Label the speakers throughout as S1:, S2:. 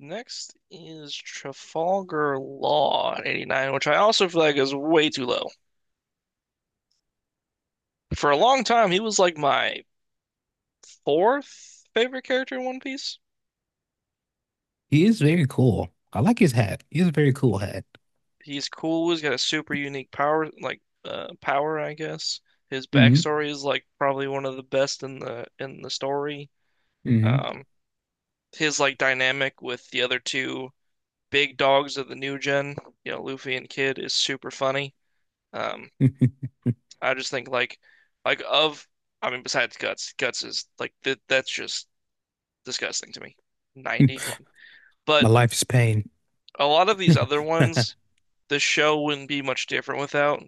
S1: Next is Trafalgar Law at 89, which I also feel like is way too low. For a long time, he was like my fourth favorite character in One Piece.
S2: He is very cool. I like his hat. He has a very cool hat.
S1: He's cool. He's got a super unique power, like power, I guess. His
S2: hmm
S1: backstory is like probably one of the best in the story.
S2: hmm
S1: Um, his like dynamic with the other two big dogs of the new gen, you know, Luffy and Kid, is super funny. Um, I just think like of I mean besides guts, guts is like th that's just disgusting to me. 90, come on.
S2: My
S1: But
S2: life is pain.
S1: a lot of these other ones, the show wouldn't be much different without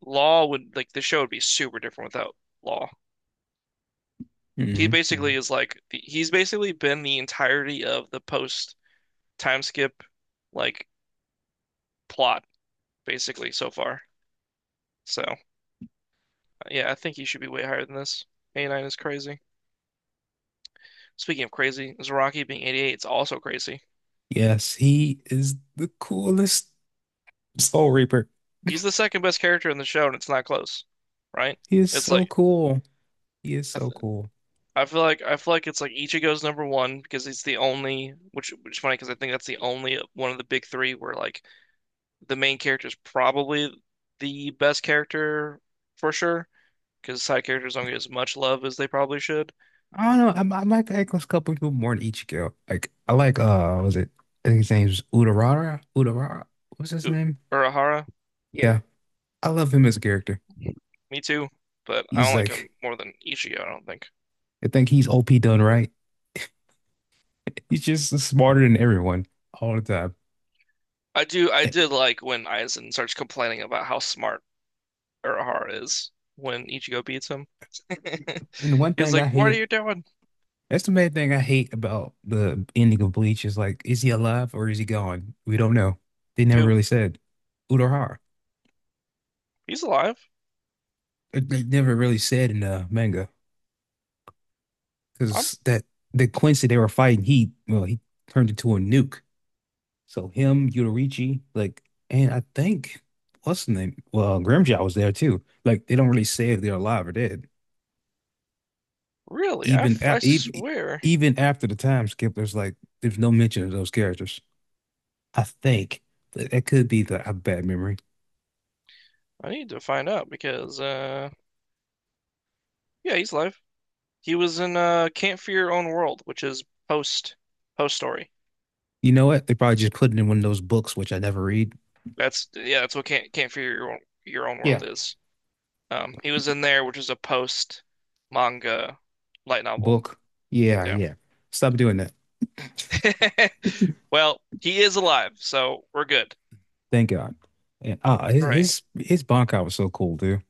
S1: Law would like the show would be super different without Law. He
S2: hmm
S1: basically is like he's basically been the entirety of the post time skip like plot basically so far. So yeah, I think he should be way higher than this. 89 is crazy. Speaking of crazy, Zaraki being 88 is also crazy.
S2: Yes, he is the coolest Soul Reaper.
S1: He's the second best character in the show, and it's not close, right?
S2: He is
S1: It's
S2: so
S1: like
S2: cool. He is
S1: I,
S2: so
S1: th
S2: cool.
S1: I feel like it's like Ichigo's number one because he's the only, which is funny because I think that's the only one of the big three where like the main character is probably the best character for sure because side characters don't get as much love as they probably should.
S2: I don't know. I like the Echo's couple people more than Ichigo. Like I like what was it? I think his name's Urarara. Urarara. What's his
S1: U-
S2: name?
S1: Urahara,
S2: Yeah. I love him as a character.
S1: me too, but I
S2: He's
S1: don't like him
S2: like
S1: more than Ichigo, I don't think.
S2: I think he's OP done right. He's just smarter than everyone all the time.
S1: I do I did like when Aizen starts complaining about how smart Urahara is when Ichigo beats him.
S2: And the one
S1: He was
S2: thing
S1: like,
S2: I
S1: "What are
S2: hate,
S1: you doing?"
S2: that's the main thing I hate about the ending of Bleach is like, is he alive or is he gone? We don't know. They never
S1: Dude,
S2: really said Urahara.
S1: he's alive.
S2: They never really said in the manga
S1: I'm
S2: because that the Quincy they were fighting, he turned into a nuke. So him, Yuraichi, like, and I think what's the name? Well, Grimjaw was there too. Like they don't really say if they're alive or dead.
S1: really,
S2: Even
S1: I
S2: a- even
S1: swear,
S2: even after the time skip, there's no mention of those characters. I think that it could be the a bad memory.
S1: I need to find out because, yeah, he's alive. He was in Can't Fear Your Own World, which is post post story.
S2: You know what? They probably just put it in one of those books, which I never read.
S1: That's yeah, that's what Can't Fear Your Own, Your Own
S2: Yeah.
S1: World is. He was in there, which is a post manga light novel.
S2: Book. Yeah,
S1: Yeah.
S2: yeah. Stop doing that.
S1: Well, he is alive, so we're good.
S2: Thank God. And ah, his
S1: Hooray.
S2: his, his Bankai was so cool, dude.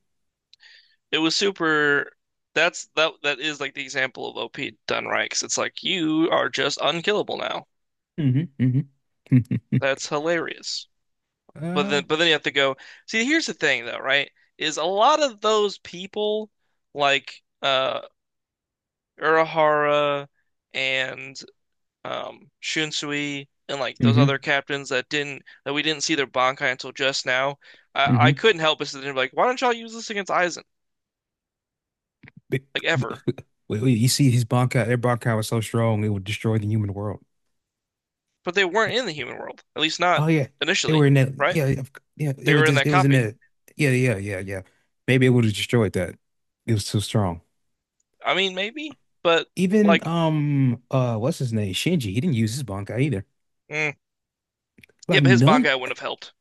S1: It was super. That's that is like the example of OP done right, 'cause it's like you are just unkillable now.
S2: Mm-hmm. Mm-hmm.
S1: That's hilarious. But
S2: uh,
S1: then but then you have to go. See, here's the thing though, right? Is a lot of those people like Urahara and Shunsui and like those
S2: mm-hmm.
S1: other captains that didn't that we didn't see their Bankai until just now. I
S2: Mm-hmm.
S1: couldn't help but to be like, why don't y'all use this against Aizen?
S2: But-
S1: Like ever.
S2: Wait, wait, their Bankai was so strong it would destroy the human world.
S1: But they weren't in the human world, at least
S2: Oh
S1: not
S2: yeah. They were
S1: initially,
S2: in that
S1: right?
S2: yeah, of- yeah,
S1: They
S2: it was
S1: were in
S2: just
S1: that
S2: it was in
S1: copy.
S2: that yeah, yeah, yeah, yeah. Maybe it would have destroyed that. It was too strong.
S1: I mean, maybe, but
S2: Even
S1: like,
S2: what's his name? Shinji, he didn't use his Bankai either.
S1: mm, yeah,
S2: Like
S1: but his
S2: none
S1: Bangai wouldn't have helped.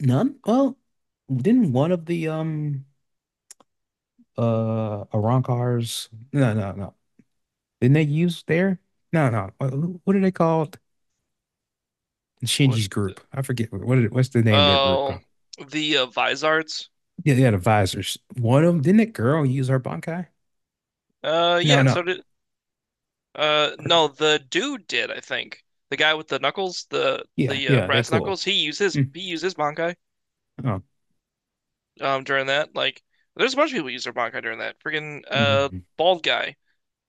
S2: none? Well, didn't one of the Arankars Didn't they use their no no what, what are they called?
S1: What?
S2: Shinji's group. I forget what's the name of their group
S1: Oh,
S2: called?
S1: the Vizards.
S2: Yeah, they had advisors. One of them, didn't that girl use her Bankai?
S1: Yeah,
S2: No,
S1: and so
S2: no.
S1: did
S2: Or-
S1: no, the dude did, I think. The guy with the knuckles, the
S2: Yeah, yeah, they
S1: brass
S2: cool.
S1: knuckles,
S2: Mm,
S1: he used his Bankai
S2: oh.
S1: during that. Like, there's a bunch of people who use their Bankai during that. Freaking
S2: Mm-hmm.
S1: bald guy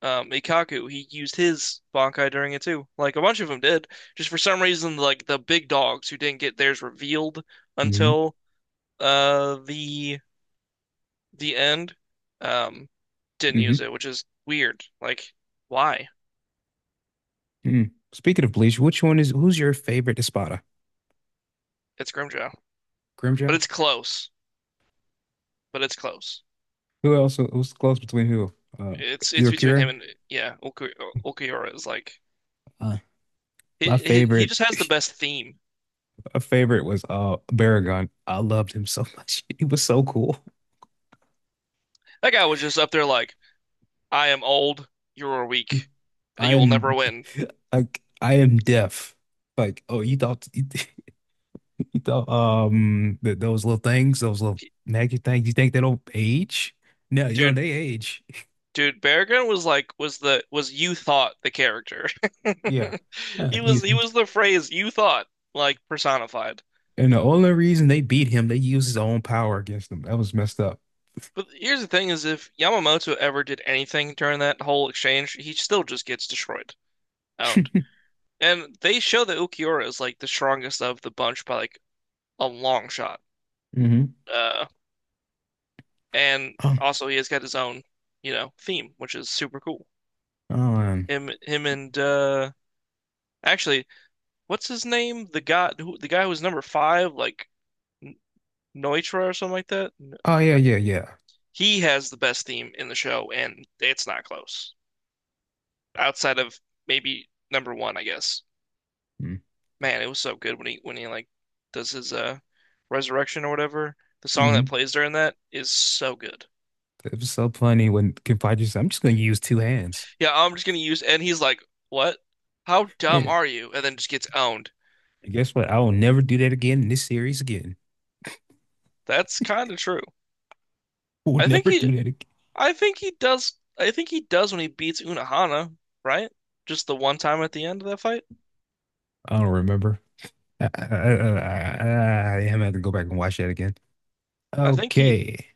S1: Ikkaku, he used his Bankai during it too. Like a bunch of them did. Just for some reason, like the big dogs who didn't get theirs revealed
S2: Mm-hmm.
S1: until uh the the end, um, didn't use
S2: Mm-hmm.
S1: it, which is weird. Like, why?
S2: Mm. Speaking of Bleach, which one is who's your favorite Espada?
S1: It's Grimjaw, but
S2: Grimjaw?
S1: it's close. But it's close.
S2: Who else was close between who? Uh,
S1: It's between him
S2: Yukira?
S1: and yeah, Okuhara is like
S2: Uh,
S1: he,
S2: my
S1: he he
S2: favorite,
S1: just has the best theme.
S2: my favorite was Baragon. I loved him so much. He was so cool.
S1: That guy was just up there like, I am old, you are weak,
S2: I
S1: you will never
S2: am
S1: win.
S2: like I am deaf. Like, oh, you thought that those little things, those little magic things, you think they don't age? No, yo,
S1: Dude,
S2: they age.
S1: Dude, Bear Grylls was like was the was you thought the character.
S2: Yeah.
S1: He
S2: You
S1: was he was the phrase you thought like personified.
S2: and the only reason they beat him, they used his own power against them. That was messed up.
S1: But here's the thing is if Yamamoto ever did anything during that whole exchange, he still just gets destroyed. Owned. And they show that Ukiura is like the strongest of the bunch by like a long shot.
S2: Mm-hmm.
S1: Uh and
S2: Oh,
S1: also he has got his own, you know, theme, which is super cool.
S2: oh, um,
S1: Him and actually, what's his name? The guy who was number five, like Neutra or something like that. No.
S2: oh yeah, yeah, yeah.
S1: He has the best theme in the show, and it's not close. Outside of maybe number one, I guess. Man, it was so good when he like does his resurrection or whatever. The song that
S2: Hmm.
S1: plays during that is so good.
S2: It was so funny when Kim Possible said, I'm just gonna use two hands.
S1: Yeah, I'm just gonna use and he's like, "What? How dumb
S2: And
S1: are you?" And then just gets owned.
S2: guess what? I will never do that again in this series again.
S1: That's kind of true.
S2: We'll
S1: I think
S2: never do
S1: he,
S2: that again.
S1: I think he does. I think he does when he beats Unohana, right? Just the one time at the end of that fight.
S2: I don't remember. I am gonna have to go back and watch that again.
S1: I think he
S2: Okay.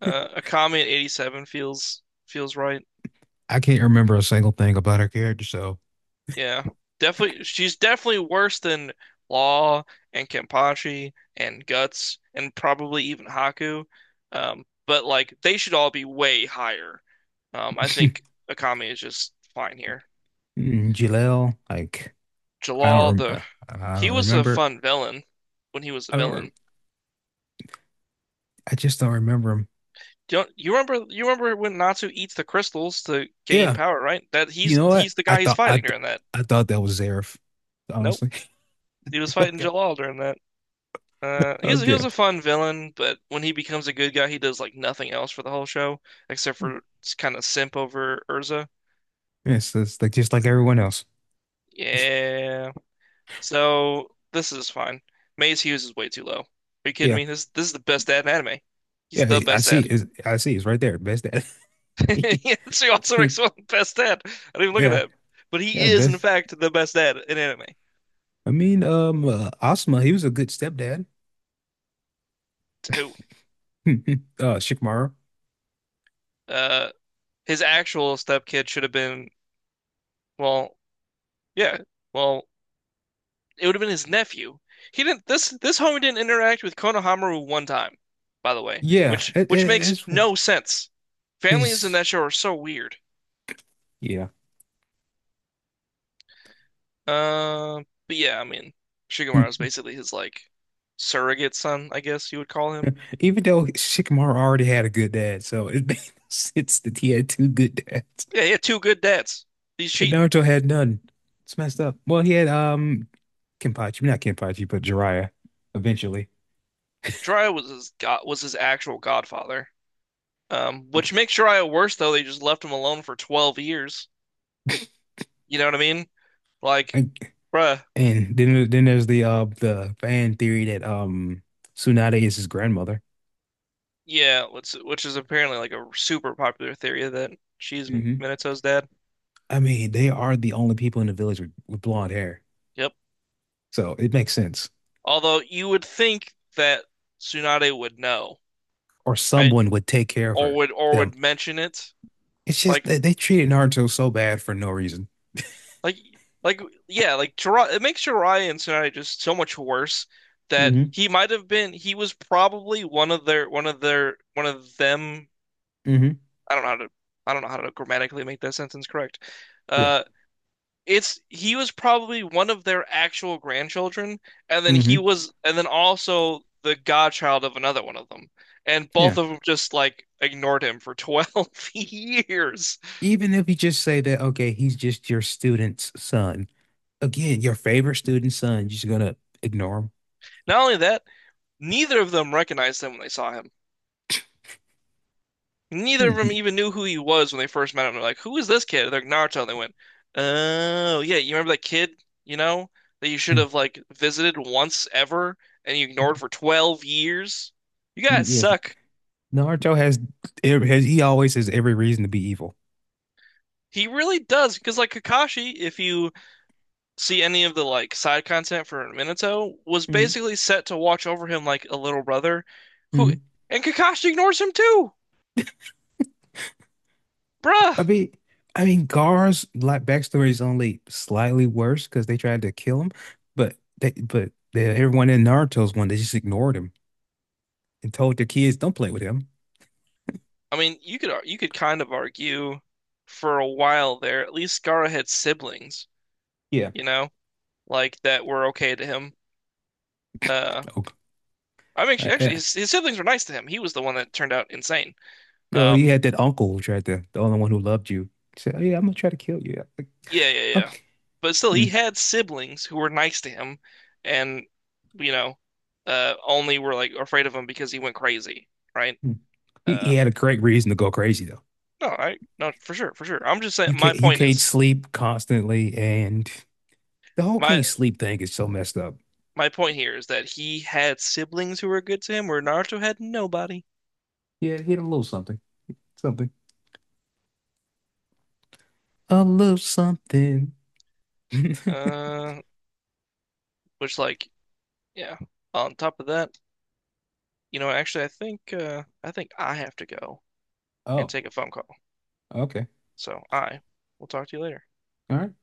S1: Akami at 87 feels right.
S2: I can't remember a single thing about her character, so
S1: Yeah. Definitely she's definitely worse than Law and Kenpachi and Guts and probably even Haku. But like they should all be way higher. I think Akami is just fine here.
S2: Mm, Jalel, like I don't
S1: Jalal the
S2: remember. I don't
S1: he was a
S2: remember.
S1: fun villain when he was a
S2: I don't. rem-
S1: villain.
S2: I just don't remember him.
S1: Do you, you remember when Natsu eats the crystals to gain
S2: Yeah,
S1: power, right? That
S2: you
S1: he's
S2: know
S1: he's
S2: what?
S1: the guy he's fighting during that.
S2: I thought that was Zaref,
S1: Nope.
S2: honestly.
S1: He was fighting
S2: I
S1: Jalal during that. He was he
S2: Okay.
S1: was a fun villain, but when he becomes a good guy, he does like nothing else for the whole show except for kind of simp over Urza.
S2: Yes, it's like just like everyone else.
S1: Yeah. So this is fine. Maze Hughes is way too low. Are you kidding
S2: Yeah.
S1: me? This is the best dad in anime. He's the best dad.
S2: I see. It's right there. Best dad.
S1: Yeah, so he also makes one the best dad. I didn't even look at
S2: Yeah.
S1: that. But he
S2: Yeah,
S1: is in
S2: best.
S1: fact the best dad in anime.
S2: I mean, Asma, he was a good stepdad.
S1: To who?
S2: Shikamaru.
S1: Uh, his actual stepkid should have been well, yeah. Well, it would have been his nephew. He didn't. This homie didn't interact with Konohamaru one time, by the way,
S2: Yeah,
S1: which
S2: it,
S1: which
S2: it,
S1: makes
S2: it's
S1: no sense. Families in
S2: his.
S1: that show are so weird.
S2: Yeah.
S1: Uh, but yeah, I mean,
S2: Hmm.
S1: Shigemaru is basically his like surrogate son, I guess you would call him.
S2: Even though Shikamaru already had a good dad, so it makes sense that he had two good dads.
S1: Yeah, he had two good dads. He's
S2: And
S1: cheating.
S2: Naruto had none. It's messed up. Well, he had Kenpachi, not Kenpachi, but Jiraiya eventually.
S1: Jiraiya was his actual godfather. Which makes Jiraiya worse though. They just left him alone for 12 years. You know what I mean? Like, bruh,
S2: And then there's the fan theory that Tsunade is his grandmother.
S1: yeah, which is apparently like a super popular theory that she's
S2: Hmm.
S1: Minato's dad.
S2: I mean, they are the only people in the village with blonde hair.
S1: Yep.
S2: So it makes sense.
S1: Although you would think that Tsunade would know,
S2: Or
S1: right?
S2: someone would take care of
S1: Or
S2: her.
S1: would or
S2: Them.
S1: would mention it.
S2: It's just
S1: Like
S2: they treated Naruto so bad for no reason.
S1: like like yeah, like Jiraiya, it makes Jiraiya and Tsunade just so much worse that
S2: hmm
S1: he might have been he was probably one of their one of them
S2: hmm
S1: I don't know how to I don't know how to grammatically make that sentence correct.
S2: Yeah.
S1: Uh it's he was probably one of their actual grandchildren, and then he
S2: hmm
S1: was, and then also the godchild of another one of them. And
S2: Yeah.
S1: both of them just like ignored him for 12 years.
S2: Even if you just say that, okay, he's just your student's son. Again, your favorite student's son, you're just gonna ignore him.
S1: Not only that, neither of them recognized him when they saw him. Neither
S2: Hmm.
S1: of them
S2: You,
S1: even knew who he was when they first met him. They're like, "Who is this kid?" They're like, Naruto. And they went, "Oh, yeah, you remember that kid, you know, that you should
S2: hmm.
S1: have like visited once ever and you ignored for 12 years? You
S2: Hmm.
S1: guys
S2: Yes.
S1: suck."
S2: Naruto has he always has every reason to be evil.
S1: He really does, because like Kakashi, if you see any of the like side content for Minato, was
S2: Mm-hmm.
S1: basically set to watch over him like a little brother, who
S2: Mm-hmm.
S1: and Kakashi ignores him too, bruh.
S2: I mean, I mean, Gar's like backstory is only slightly worse because they tried to kill him, but everyone in Naruto's one they just ignored him and told their kids don't play with him.
S1: I mean, you could kind of argue for a while there. At least Gaara had siblings,
S2: Yeah.
S1: you know, like that were okay to him. Uh,
S2: Oh,
S1: I mean,
S2: I,
S1: actually,
S2: I-
S1: his siblings were nice to him. He was the one that turned out insane.
S2: oh, he
S1: Um,
S2: had that uncle who tried to the only one who loved you. He said, oh, yeah, I'm gonna try to kill you. Like,
S1: Yeah, yeah, yeah.
S2: okay.
S1: But still, he
S2: Mm,
S1: had siblings who were nice to him, and you know, only were like afraid of him because he went crazy, right?
S2: mm. He
S1: Uh,
S2: had a great reason to go crazy though.
S1: no, I no for sure, for sure. I'm just saying.
S2: You can't sleep constantly, and the whole
S1: My
S2: can't sleep thing is so messed up.
S1: my point here is that he had siblings who were good to him, where Naruto had nobody.
S2: Yeah, hit a little something. Something. A little something.
S1: Uh, which like, yeah. On top of that, you know, actually, I think I have to go and
S2: Oh,
S1: take a phone call.
S2: okay.
S1: So I will talk to you later.
S2: All right.